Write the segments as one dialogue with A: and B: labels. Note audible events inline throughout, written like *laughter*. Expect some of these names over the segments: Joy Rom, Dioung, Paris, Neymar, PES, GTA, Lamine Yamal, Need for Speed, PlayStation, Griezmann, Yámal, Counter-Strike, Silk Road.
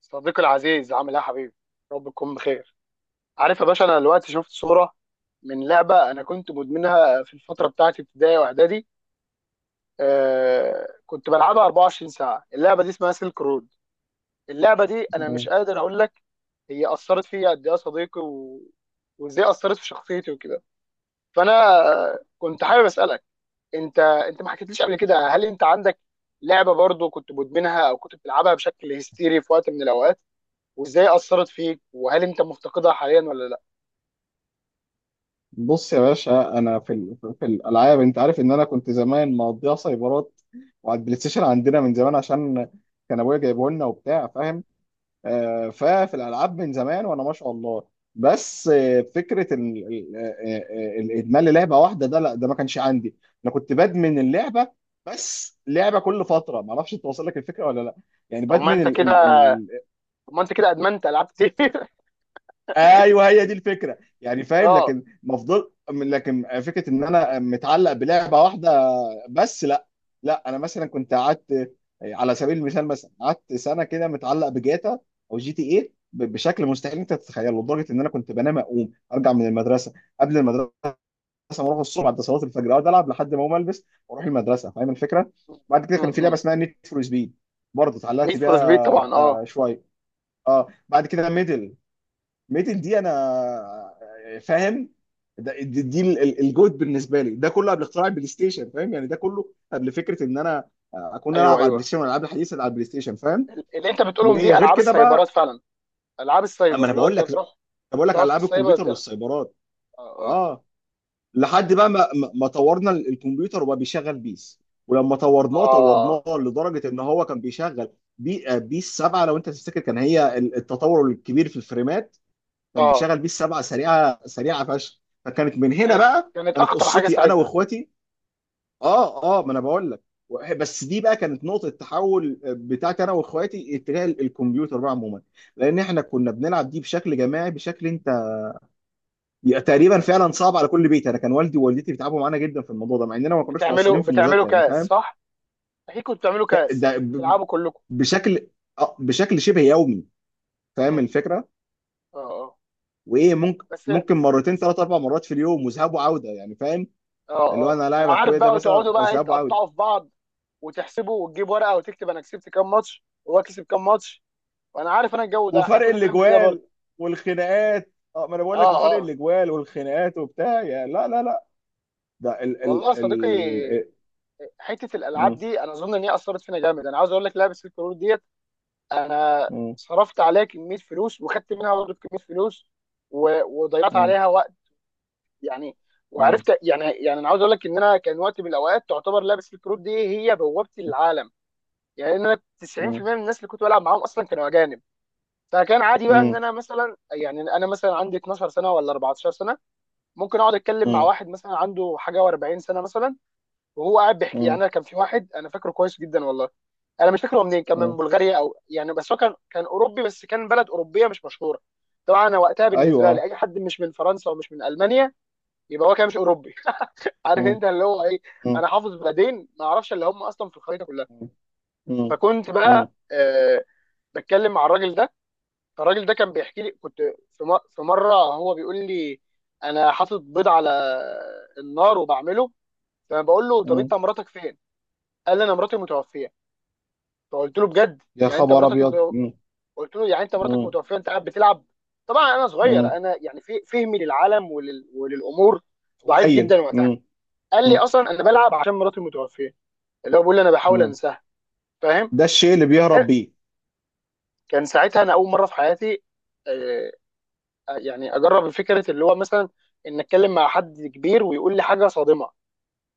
A: صديقي العزيز، عامل ايه يا حبيبي؟ رب تكون بخير. عارف يا باشا، انا دلوقتي شفت صوره من لعبه انا كنت مدمنها في الفتره بتاعت ابتدائي واعدادي. كنت بلعبها 24 ساعه. اللعبه دي اسمها سيلك رود. اللعبه دي انا مش
B: مم.
A: قادر اقول لك هي اثرت فيا قد ايه يا صديقي وازاي اثرت في شخصيتي وكده. فانا كنت حابب اسالك، انت ما حكيتليش قبل كده، هل انت عندك لعبه برضو كنت مدمنها او كنت بتلعبها بشكل هستيري في وقت من الاوقات، وازاي اثرت فيك، وهل انت مفتقدها حاليا ولا لا؟
B: بص يا باشا، انا في ال... في في الالعاب. انت عارف ان انا كنت زمان مقضيها سايبرات وعلى البلاي ستيشن عندنا من زمان، عشان كان ابويا جايبه لنا وبتاع، فاهم. ففي الالعاب من زمان وانا ما شاء الله. بس فكره ال... ال... آه، آه، الادمان للعبه واحده، ده لا، ده ما كانش عندي. انا كنت بدمن اللعبه، بس لعبه كل فتره، ما اعرفش توصل لك الفكره ولا لا، يعني
A: طب ما انت
B: بدمن.
A: كده طب ما انت كده ادمنت العاب كتير.
B: ايوه، هي دي الفكره يعني،
A: *laughs*
B: فاهم؟
A: اه.
B: لكن مفضل، لكن فكره ان انا متعلق بلعبه واحده، بس لا. لا، انا مثلا كنت قعدت، على سبيل المثال، مثلا قعدت سنه كده متعلق بجاتا او جي تي ايه، بشكل مستحيل انت تتخيله، لدرجه ان انا كنت بنام اقوم ارجع من المدرسه، قبل المدرسه ما اروح الصبح، بعد صلاه الفجر اقعد العب لحد ما اقوم البس واروح المدرسه، فاهم الفكره. بعد كده كان في لعبه اسمها نيد فور سبيد، برضه
A: نيد
B: اتعلقت
A: فور سبيد
B: بيها
A: طبعا، اه.
B: شويه. اه، بعد كده ميدن دي انا، فاهم. ده دي, دي ال- ال- الجوت بالنسبه لي، ده كله قبل اختراع البلاي ستيشن، فاهم؟ يعني ده كله قبل فكره ان انا اكون
A: ايوه،
B: العب على البلاي
A: ايوه،
B: ستيشن، والالعاب الحديثه اللي على البلاي ستيشن، فاهم.
A: اللي انت بتقولهم دي
B: وغير
A: العاب
B: كده
A: السايبرات
B: بقى،
A: فعلا. العاب
B: اما
A: السايبر
B: انا
A: اللي هو
B: بقول
A: انت
B: لك
A: بتروح
B: بقول لك على
A: تقعد في
B: العاب
A: السايبر
B: الكمبيوتر
A: تلعب.
B: والسايبرات.
A: اه، اه.
B: اه، لحد بقى ما طورنا الكمبيوتر وبقى بيشغل بيس، ولما طورناه
A: اه،
B: لدرجه ان هو كان بيشغل بي آه، بيس 7، لو انت تفتكر، كان هي التطور الكبير في الفريمات. كان
A: اه.
B: بيشغل بيه السبعه، سريعه سريعه فشخ، فكانت من هنا
A: كانت
B: بقى
A: كانت
B: كانت
A: اخطر حاجه
B: قصتي انا
A: ساعتها.
B: واخواتي. اه اه، ما انا بقول لك، بس دي بقى كانت نقطه التحول بتاعتي انا واخواتي اتجاه الكمبيوتر بقى عموما، لان احنا كنا بنلعب دي بشكل جماعي، بشكل انت تقريبا فعلا صعب على كل بيت. انا كان والدي ووالدتي بيتعبوا معانا جدا في الموضوع ده، مع اننا ما كناش
A: بتعملوا
B: مقصرين في
A: بتعملوا
B: المذاكره، يعني
A: كاس،
B: فاهم.
A: صح؟ اكيد كنتوا بتعملوا
B: ك-
A: كاس،
B: ده ب-
A: تلعبوا كلكم.
B: بشكل آه، بشكل شبه يومي، فاهم
A: امم
B: الفكره.
A: اه، اه.
B: وايه، ممكن
A: بس اه،
B: ممكن مرتين، ثلاث، اربع مرات في اليوم، وذهاب وعوده، يعني فاهم. اللي هو
A: اه،
B: انا
A: ما
B: لاعب
A: انا عارف
B: اخويا ده
A: بقى،
B: مثلا
A: وتقعدوا بقى
B: ذهاب واوت،
A: تقطعوا في بعض وتحسبه، وتجيب ورقه وتكتب انا كسبت كام ماتش وهو كسب كام ماتش. وانا عارف انا الجو ده احنا
B: وفرق
A: كنا بنعمل كده برضه.
B: الاجوال والخناقات. اه، ما انا بقول لك،
A: اه،
B: وفرق
A: اه.
B: الاجوال والخناقات وبتاع، يا لا لا لا. ده ال
A: والله
B: ال
A: يا صديقي،
B: ال
A: حته الالعاب
B: م-
A: دي انا اظن ان هي اثرت فينا جامد. انا عاوز اقول لك لعبه الكرور ديت، انا
B: م-.
A: صرفت عليها كميه فلوس، وخدت منها برضه كميه فلوس، و... وضيعت
B: م-.
A: عليها وقت يعني.
B: م-.
A: وعرفت، يعني انا عاوز اقول لك ان انا كان وقت من الاوقات تعتبر لعبه الكروت دي هي بوابتي للعالم. يعني انا
B: م-.
A: 90% من الناس اللي كنت بلعب معاهم اصلا كانوا اجانب. فكان عادي بقى ان
B: م-.
A: انا مثلا، يعني انا مثلا عندي 12 سنه ولا 14 سنه، ممكن اقعد اتكلم مع
B: م-.
A: واحد مثلا عنده حاجه و40 سنه مثلا، وهو قاعد بيحكي.
B: م-.
A: يعني انا كان في واحد انا فاكره كويس جدا والله، انا مش فاكره هو منين، كان من
B: م-.
A: بلغاريا او يعني، بس هو كان اوروبي، بس كان بلد اوروبيه مش مشهوره. طبعا انا وقتها بالنسبه لي
B: ايوه.
A: اي حد مش من فرنسا ومش من المانيا يبقى هو كده مش اوروبي. *laughs* عارف
B: م-.
A: انت اللي هو ايه،
B: م-.
A: انا حافظ بلدين ما اعرفش اللي هم اصلا في الخريطه كلها.
B: م-.
A: فكنت
B: م-.
A: بقى بتكلم مع الراجل ده. الراجل ده كان بيحكي لي، كنت في مره هو بيقول لي انا حاطط بيض على النار وبعمله، فبقول له طب
B: م-.
A: انت مراتك فين؟ قال لي انا مراتي متوفيه. فقلت له بجد؟
B: يا
A: يعني انت
B: خبر
A: مراتك
B: ابيض. م-.
A: قلت له يعني انت مراتك
B: م-.
A: متوفيه انت قاعد بتلعب؟ طبعا انا صغير،
B: م-.
A: انا يعني في فهمي للعالم وللامور ضعيف
B: قليل.
A: جدا وقتها.
B: م-.
A: قال لي
B: م-.
A: اصلا انا بلعب عشان مراتي متوفيه، اللي هو بيقول لي انا بحاول
B: م.
A: انساها، فاهم؟
B: ده الشيء اللي
A: كان
B: بيهرب بيه.
A: كان ساعتها انا اول مره في حياتي آه، يعني اجرب فكره اللي هو مثلا ان اتكلم مع حد كبير ويقول لي حاجه صادمه.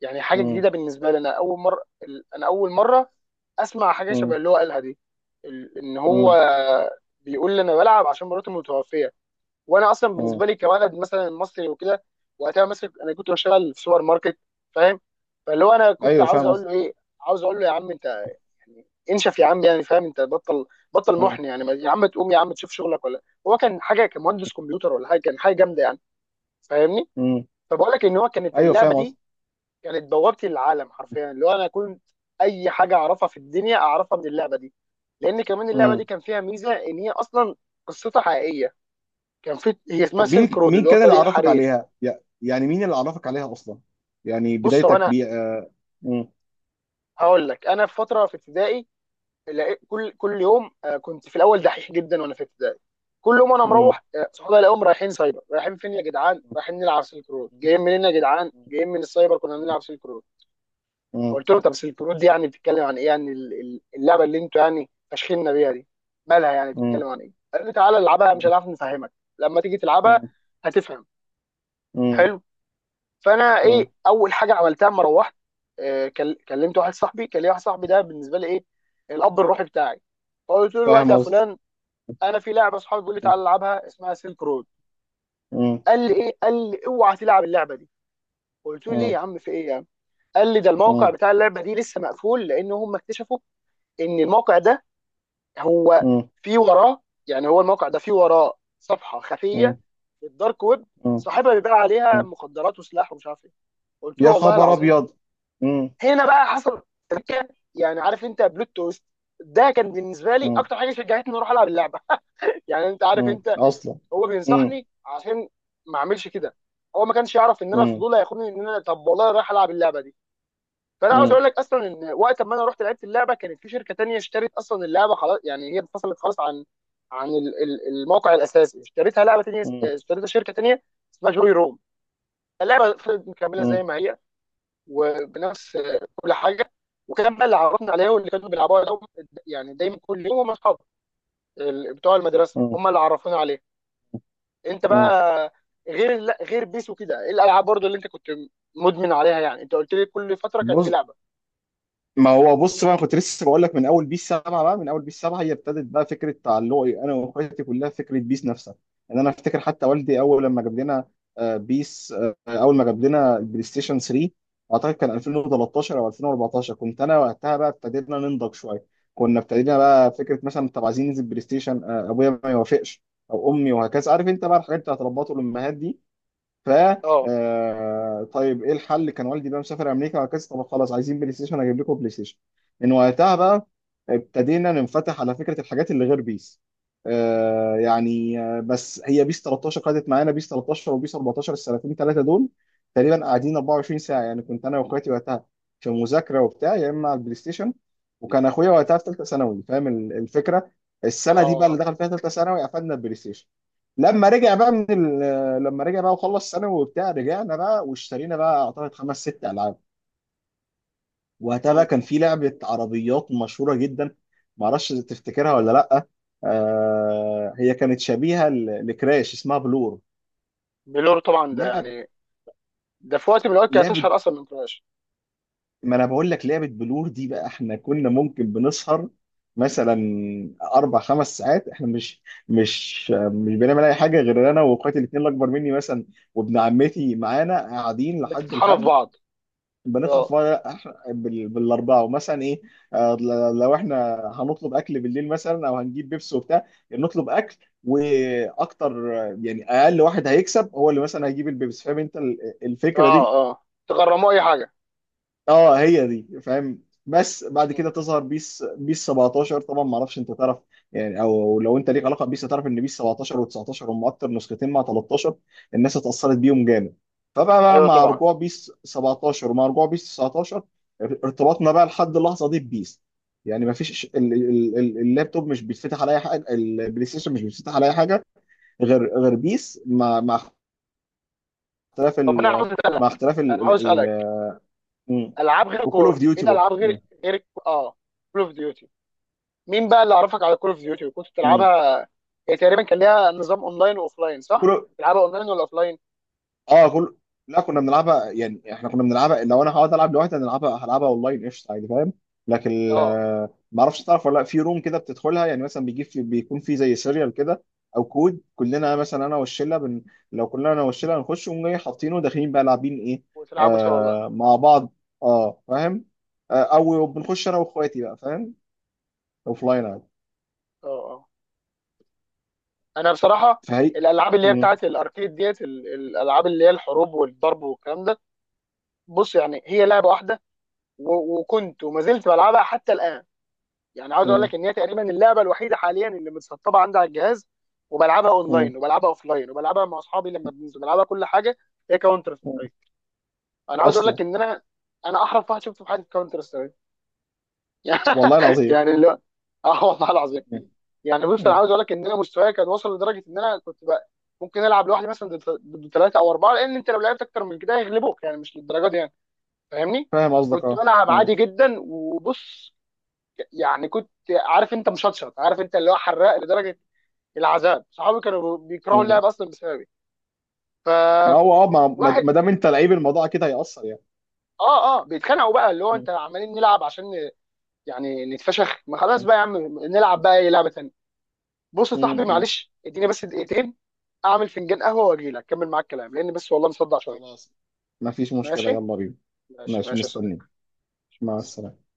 A: يعني حاجه
B: م-.
A: جديده بالنسبه لي. انا اول مره اسمع حاجه شبه
B: م-.
A: اللي هو قالها دي. ان هو
B: م-.
A: بيقول لي انا بلعب عشان مراتي متوفيه. وانا اصلا
B: م.
A: بالنسبه لي كولد مثلا مصري وكده، وقتها مثلا انا كنت بشتغل في سوبر ماركت، فاهم. فاللي هو انا كنت
B: ايوه،
A: عاوز
B: فاهم
A: اقول
B: قصدي.
A: له ايه، عاوز اقول له يا عم انت انشف يا عم، يعني فاهم، انت بطل محن يعني، يا عم تقوم يا عم تشوف شغلك. ولا هو كان حاجه كمهندس كمبيوتر ولا حاجه، كان حاجه جامده يعني. فاهمني؟
B: امم.
A: فبقول لك ان هو كانت
B: ايوه،
A: اللعبه
B: فاهم
A: دي
B: قصدي.
A: كانت بوابتي للعالم حرفيا. اللي هو انا كنت اي حاجه اعرفها في الدنيا اعرفها من اللعبه دي، لان كمان اللعبه دي
B: امم.
A: كان فيها ميزه ان هي اصلا قصتها حقيقيه. كان في، هي اسمها
B: طب
A: سيلك
B: مين،
A: رود
B: مين
A: اللي هو
B: كان اللي
A: طريق
B: عرفك
A: الحرير.
B: عليها يع- يعني مين اللي عرفك عليها اصلا، يعني
A: بص، هو
B: بدايتك
A: انا
B: بيه. امم.
A: هقول لك، انا في فتره في ابتدائي لقيت كل يوم، كنت في الاول دحيح جدا وانا في ابتدائي. كل يوم انا
B: امم.
A: مروح صحابي الاقيهم رايحين سايبر. رايحين فين يا جدعان؟ رايحين نلعب سلك رود. جايين منين يا جدعان؟ جايين من السايبر كنا بنلعب سلك رود.
B: امم.
A: فقلت لهم طب سلك رود دي يعني بتتكلم عن ايه؟ يعني اللعبه اللي انتوا يعني فاشخيننا بيها دي، مالها؟ يعني
B: امم.
A: بتتكلم عن ايه؟ قال لي تعالى العبها، مش هنعرف نفهمك، لما تيجي تلعبها هتفهم.
B: امم.
A: حلو. فانا
B: امم.
A: ايه اول حاجه عملتها اما روحت؟ كلمت واحد صاحبي، كان لي واحد صاحبي ده بالنسبه لي ايه، الاب الروحي بتاعي. فقلت له الوقت
B: فاهم
A: يا
B: قصدي.
A: فلان، انا في لعبه اصحابي بيقول لي تعالى العبها، اسمها سيلك رود.
B: امم.
A: قال لي ايه؟ قال لي اوعى تلعب اللعبه دي. قلت له ليه يا
B: امم.
A: عم؟ في ايه يا عم؟ قال لي ده الموقع
B: امم.
A: بتاع اللعبه دي لسه مقفول، لان هم اكتشفوا ان الموقع ده هو
B: امم.
A: في وراه، يعني هو الموقع ده في وراه صفحه خفيه في الدارك ويب،
B: امم.
A: صاحبها بيبيع عليها
B: امم.
A: مخدرات وسلاح ومش عارف ايه. قلت له
B: يا
A: والله
B: خبر
A: العظيم؟
B: ابيض. امم.
A: هنا بقى حصل تركه، يعني عارف انت بلوت تويست، ده كان بالنسبه لي
B: امم.
A: اكتر حاجه شجعتني اروح العب اللعبه. *laughs* يعني انت عارف
B: امم.
A: انت،
B: اصلا.
A: هو
B: امم.
A: بينصحني عشان ما اعملش كده، هو ما كانش يعرف ان انا
B: امم.
A: الفضول هياخدني ان انا طب والله رايح العب اللعبه دي. فانا عاوز
B: امم.
A: اقول لك اصلا ان وقت ما انا رحت لعبت اللعبه، كانت في شركه تانية اشترت اصلا اللعبه، خلاص يعني هي انفصلت خلاص عن عن الموقع الاساسي. اشتريتها لعبه تانية،
B: امم.
A: اشتريتها شركه تانية اسمها جوي روم. اللعبه فضلت مكمله زي
B: امم.
A: ما هي وبنفس كل حاجه. وكان بقى اللي عرفنا عليها واللي كانوا بيلعبوها دوم، يعني دايما كل يوم، هم اصحابي بتوع المدرسه هم اللي عرفونا عليها. انت
B: امم.
A: بقى غير، لا غير بيس وكده، ايه الالعاب برضو اللي انت كنت مدمن عليها؟ يعني انت قلت لي كل فتره كان في
B: بص.
A: لعبه.
B: ما هو بص بقى كنت لسه بقول لك، من اول بيس 7 بقى، من اول بيس 7 هي ابتدت بقى فكره تعلقي انا واخواتي كلها فكره بيس نفسها. ان انا افتكر حتى والدي اول لما جاب لنا آه، بيس آه، اول ما جاب لنا البلاي ستيشن 3، اعتقد كان 2013 او 2014، كنت انا وقتها بقى ابتدينا ننضج شويه. كنا ابتدينا
A: مم.
B: بقى فكره مثلا طب عايزين ننزل بلاي ستيشن، ابويا ما يوافقش او امي، وهكذا، عارف انت بقى الحاجات بتاعت ربات الامهات دي. ف
A: اه،
B: طيب ايه الحل، كان والدي بقى مسافر امريكا وهكذا، طب خلاص، عايزين بلاي ستيشن، اجيب لكم بلاي ستيشن. من وقتها بقى ابتدينا ننفتح على فكره الحاجات اللي غير بيس. آه يعني بس هي بيس 13 قعدت معانا، بيس 13 وبيس 14، السنتين ثلاثه دول تقريبا قاعدين 24 ساعه، يعني كنت انا واخواتي وقتها في مذاكره وبتاع، يا اما على البلاي ستيشن. وكان اخويا وقتها في ثالثه ثانوي، فاهم الفكره. السنه دي بقى اللي
A: اه.
B: دخل فيها ثالثه ثانوي، قفلنا البلاي ستيشن. لما رجع بقى من لما رجع بقى وخلص ثانوي وبتاع، رجعنا بقى واشترينا بقى اعتقد خمس ست العاب. وقتها بقى
A: مم.
B: كان في لعبه عربيات مشهوره جدا، معرفش تفتكرها ولا لا، آه هي كانت شبيهه لكراش، اسمها بلور.
A: بلور طبعا، ده
B: لعب
A: يعني، ده في وقت من الاوقات كانت
B: لعبه،
A: اشهر اصلا من كراش.
B: ما انا بقول لك، لعبه بلور دي بقى احنا كنا ممكن بنسهر مثلا اربع، خمس ساعات، احنا مش بنعمل اي حاجه، غير انا واخواتي الاثنين الاكبر مني مثلا وابن عمتي معانا، قاعدين لحد
A: بتطحنوا في
B: الفجر.
A: بعض.
B: بندفع في
A: اه،
B: مرة، بالاربعه، ومثلا ايه، لو احنا هنطلب اكل بالليل مثلا او هنجيب بيبسي وبتاع، نطلب اكل واكتر، يعني اقل واحد هيكسب هو اللي مثلا هيجيب البيبسي، فاهم انت الفكره دي.
A: اه، اه. تغرموا اي حاجه.
B: اه، هي دي، فاهم. بس بعد
A: مم.
B: كده تظهر بيس 17، طبعا ما اعرفش انت تعرف يعني، او لو انت ليك علاقه بيس، هتعرف ان بيس 17 و19 هم اكتر نسختين، مع 13، الناس اتاثرت بيهم جامد. فبقى بقى
A: ايوه
B: مع
A: طبعا.
B: رجوع بيس 17 ومع رجوع بيس 19، ارتباطنا بقى لحد اللحظه دي ببيس، يعني ما فيش، اللابتوب مش بيتفتح على اي حاجه، البلاي ستيشن مش بيتفتح على اي حاجه غير بيس، مع اختلاف
A: طب انا
B: ال،
A: عاوز
B: مع
A: اسالك،
B: اختلاف ال
A: انا عاوز
B: ال-
A: اسالك
B: ال- مم.
A: العاب غير
B: وكول اوف
A: كوره، ايه
B: ديوتي برضه.
A: الالعاب غير كول اوف ديوتي. مين بقى اللي عرفك على كول اوف ديوتي وكنت
B: مم.
A: بتلعبها؟ هي تقريبا كان ليها نظام اونلاين واوفلاين، صح؟
B: كل،
A: تلعبها اونلاين ولا اوفلاين؟
B: اه، كل، لا كنا بنلعبها، يعني احنا كنا بنلعبها، لو انا هقعد العب لوحدي هنلعبها، هلعبها اونلاين قشطه عادي، فاهم. لكن
A: اه.
B: ما اعرفش تعرف ولا لا، في روم كده بتدخلها، يعني مثلا بيجيب، في بيكون في زي سيريال كده او كود، كلنا مثلا انا والشله لو كلنا انا والشله هنخش ونقوم جاي حاطينه، داخلين بقى لاعبين ايه.
A: وتلعبوا سوا بقى.
B: آه، مع بعض، اه فاهم. آه، او بنخش انا واخواتي بقى، فاهم، اوف لاين عادي.
A: اه، اه. انا بصراحه
B: فهي.
A: الالعاب اللي هي
B: مم.
A: بتاعت الاركيد ديت، الالعاب اللي هي الحروب والضرب والكلام ده، بص يعني هي لعبه واحده، وكنت وما زلت بلعبها حتى الان، يعني عاوز اقول
B: مم.
A: لك ان هي تقريبا اللعبه الوحيده حاليا اللي متسطبه عندي على الجهاز. وبلعبها
B: مم.
A: اونلاين وبلعبها اوفلاين وبلعبها مع اصحابي لما بننزل بلعبها، كل حاجه. هي كاونتر
B: مم.
A: سترايك. انا عاوز اقول
B: اصلا.
A: لك ان انا احرف واحد شفته في حياتي في كاونتر.
B: والله
A: *laughs*
B: العظيم.
A: يعني اللي هو، اه والله العظيم. يعني بص انا عاوز اقول لك ان انا، مستواي كان وصل لدرجه ان انا كنت بقى ممكن العب لوحدي مثلا ضد ثلاثه او اربعه. لان انت لو لعبت اكتر من كده هيغلبوك، يعني مش للدرجه دي يعني. فاهمني؟
B: فاهم قصدك،
A: كنت
B: اه.
A: بلعب
B: مم.
A: عادي جدا، وبص، يعني كنت عارف انت مشطشط، عارف انت اللي هو حراق لدرجه العذاب. صحابي كانوا بيكرهوا
B: مم.
A: اللعب اصلا بسببي،
B: ما
A: فواحد،
B: هو اه، ما دام انت لعيب، الموضوع كده هيأثر يعني.
A: اه، اه، بيتخانقوا بقى، اللي هو
B: مم.
A: انت عمالين نلعب عشان يعني نتفشخ. ما خلاص
B: مم.
A: بقى يا عم نلعب بقى اي لعبه تانيه. بص يا صاحبي،
B: مم.
A: معلش اديني بس دقيقتين اعمل فنجان قهوه واجي لك اكمل معاك الكلام، لان بس والله مصدع شويه.
B: خلاص، ما فيش مشكلة،
A: ماشي،
B: يلا بينا.
A: ماشي،
B: ماشي،
A: ماشي يا
B: مستنيك.
A: صديقي. مع
B: مع
A: السلامة.
B: السلامة.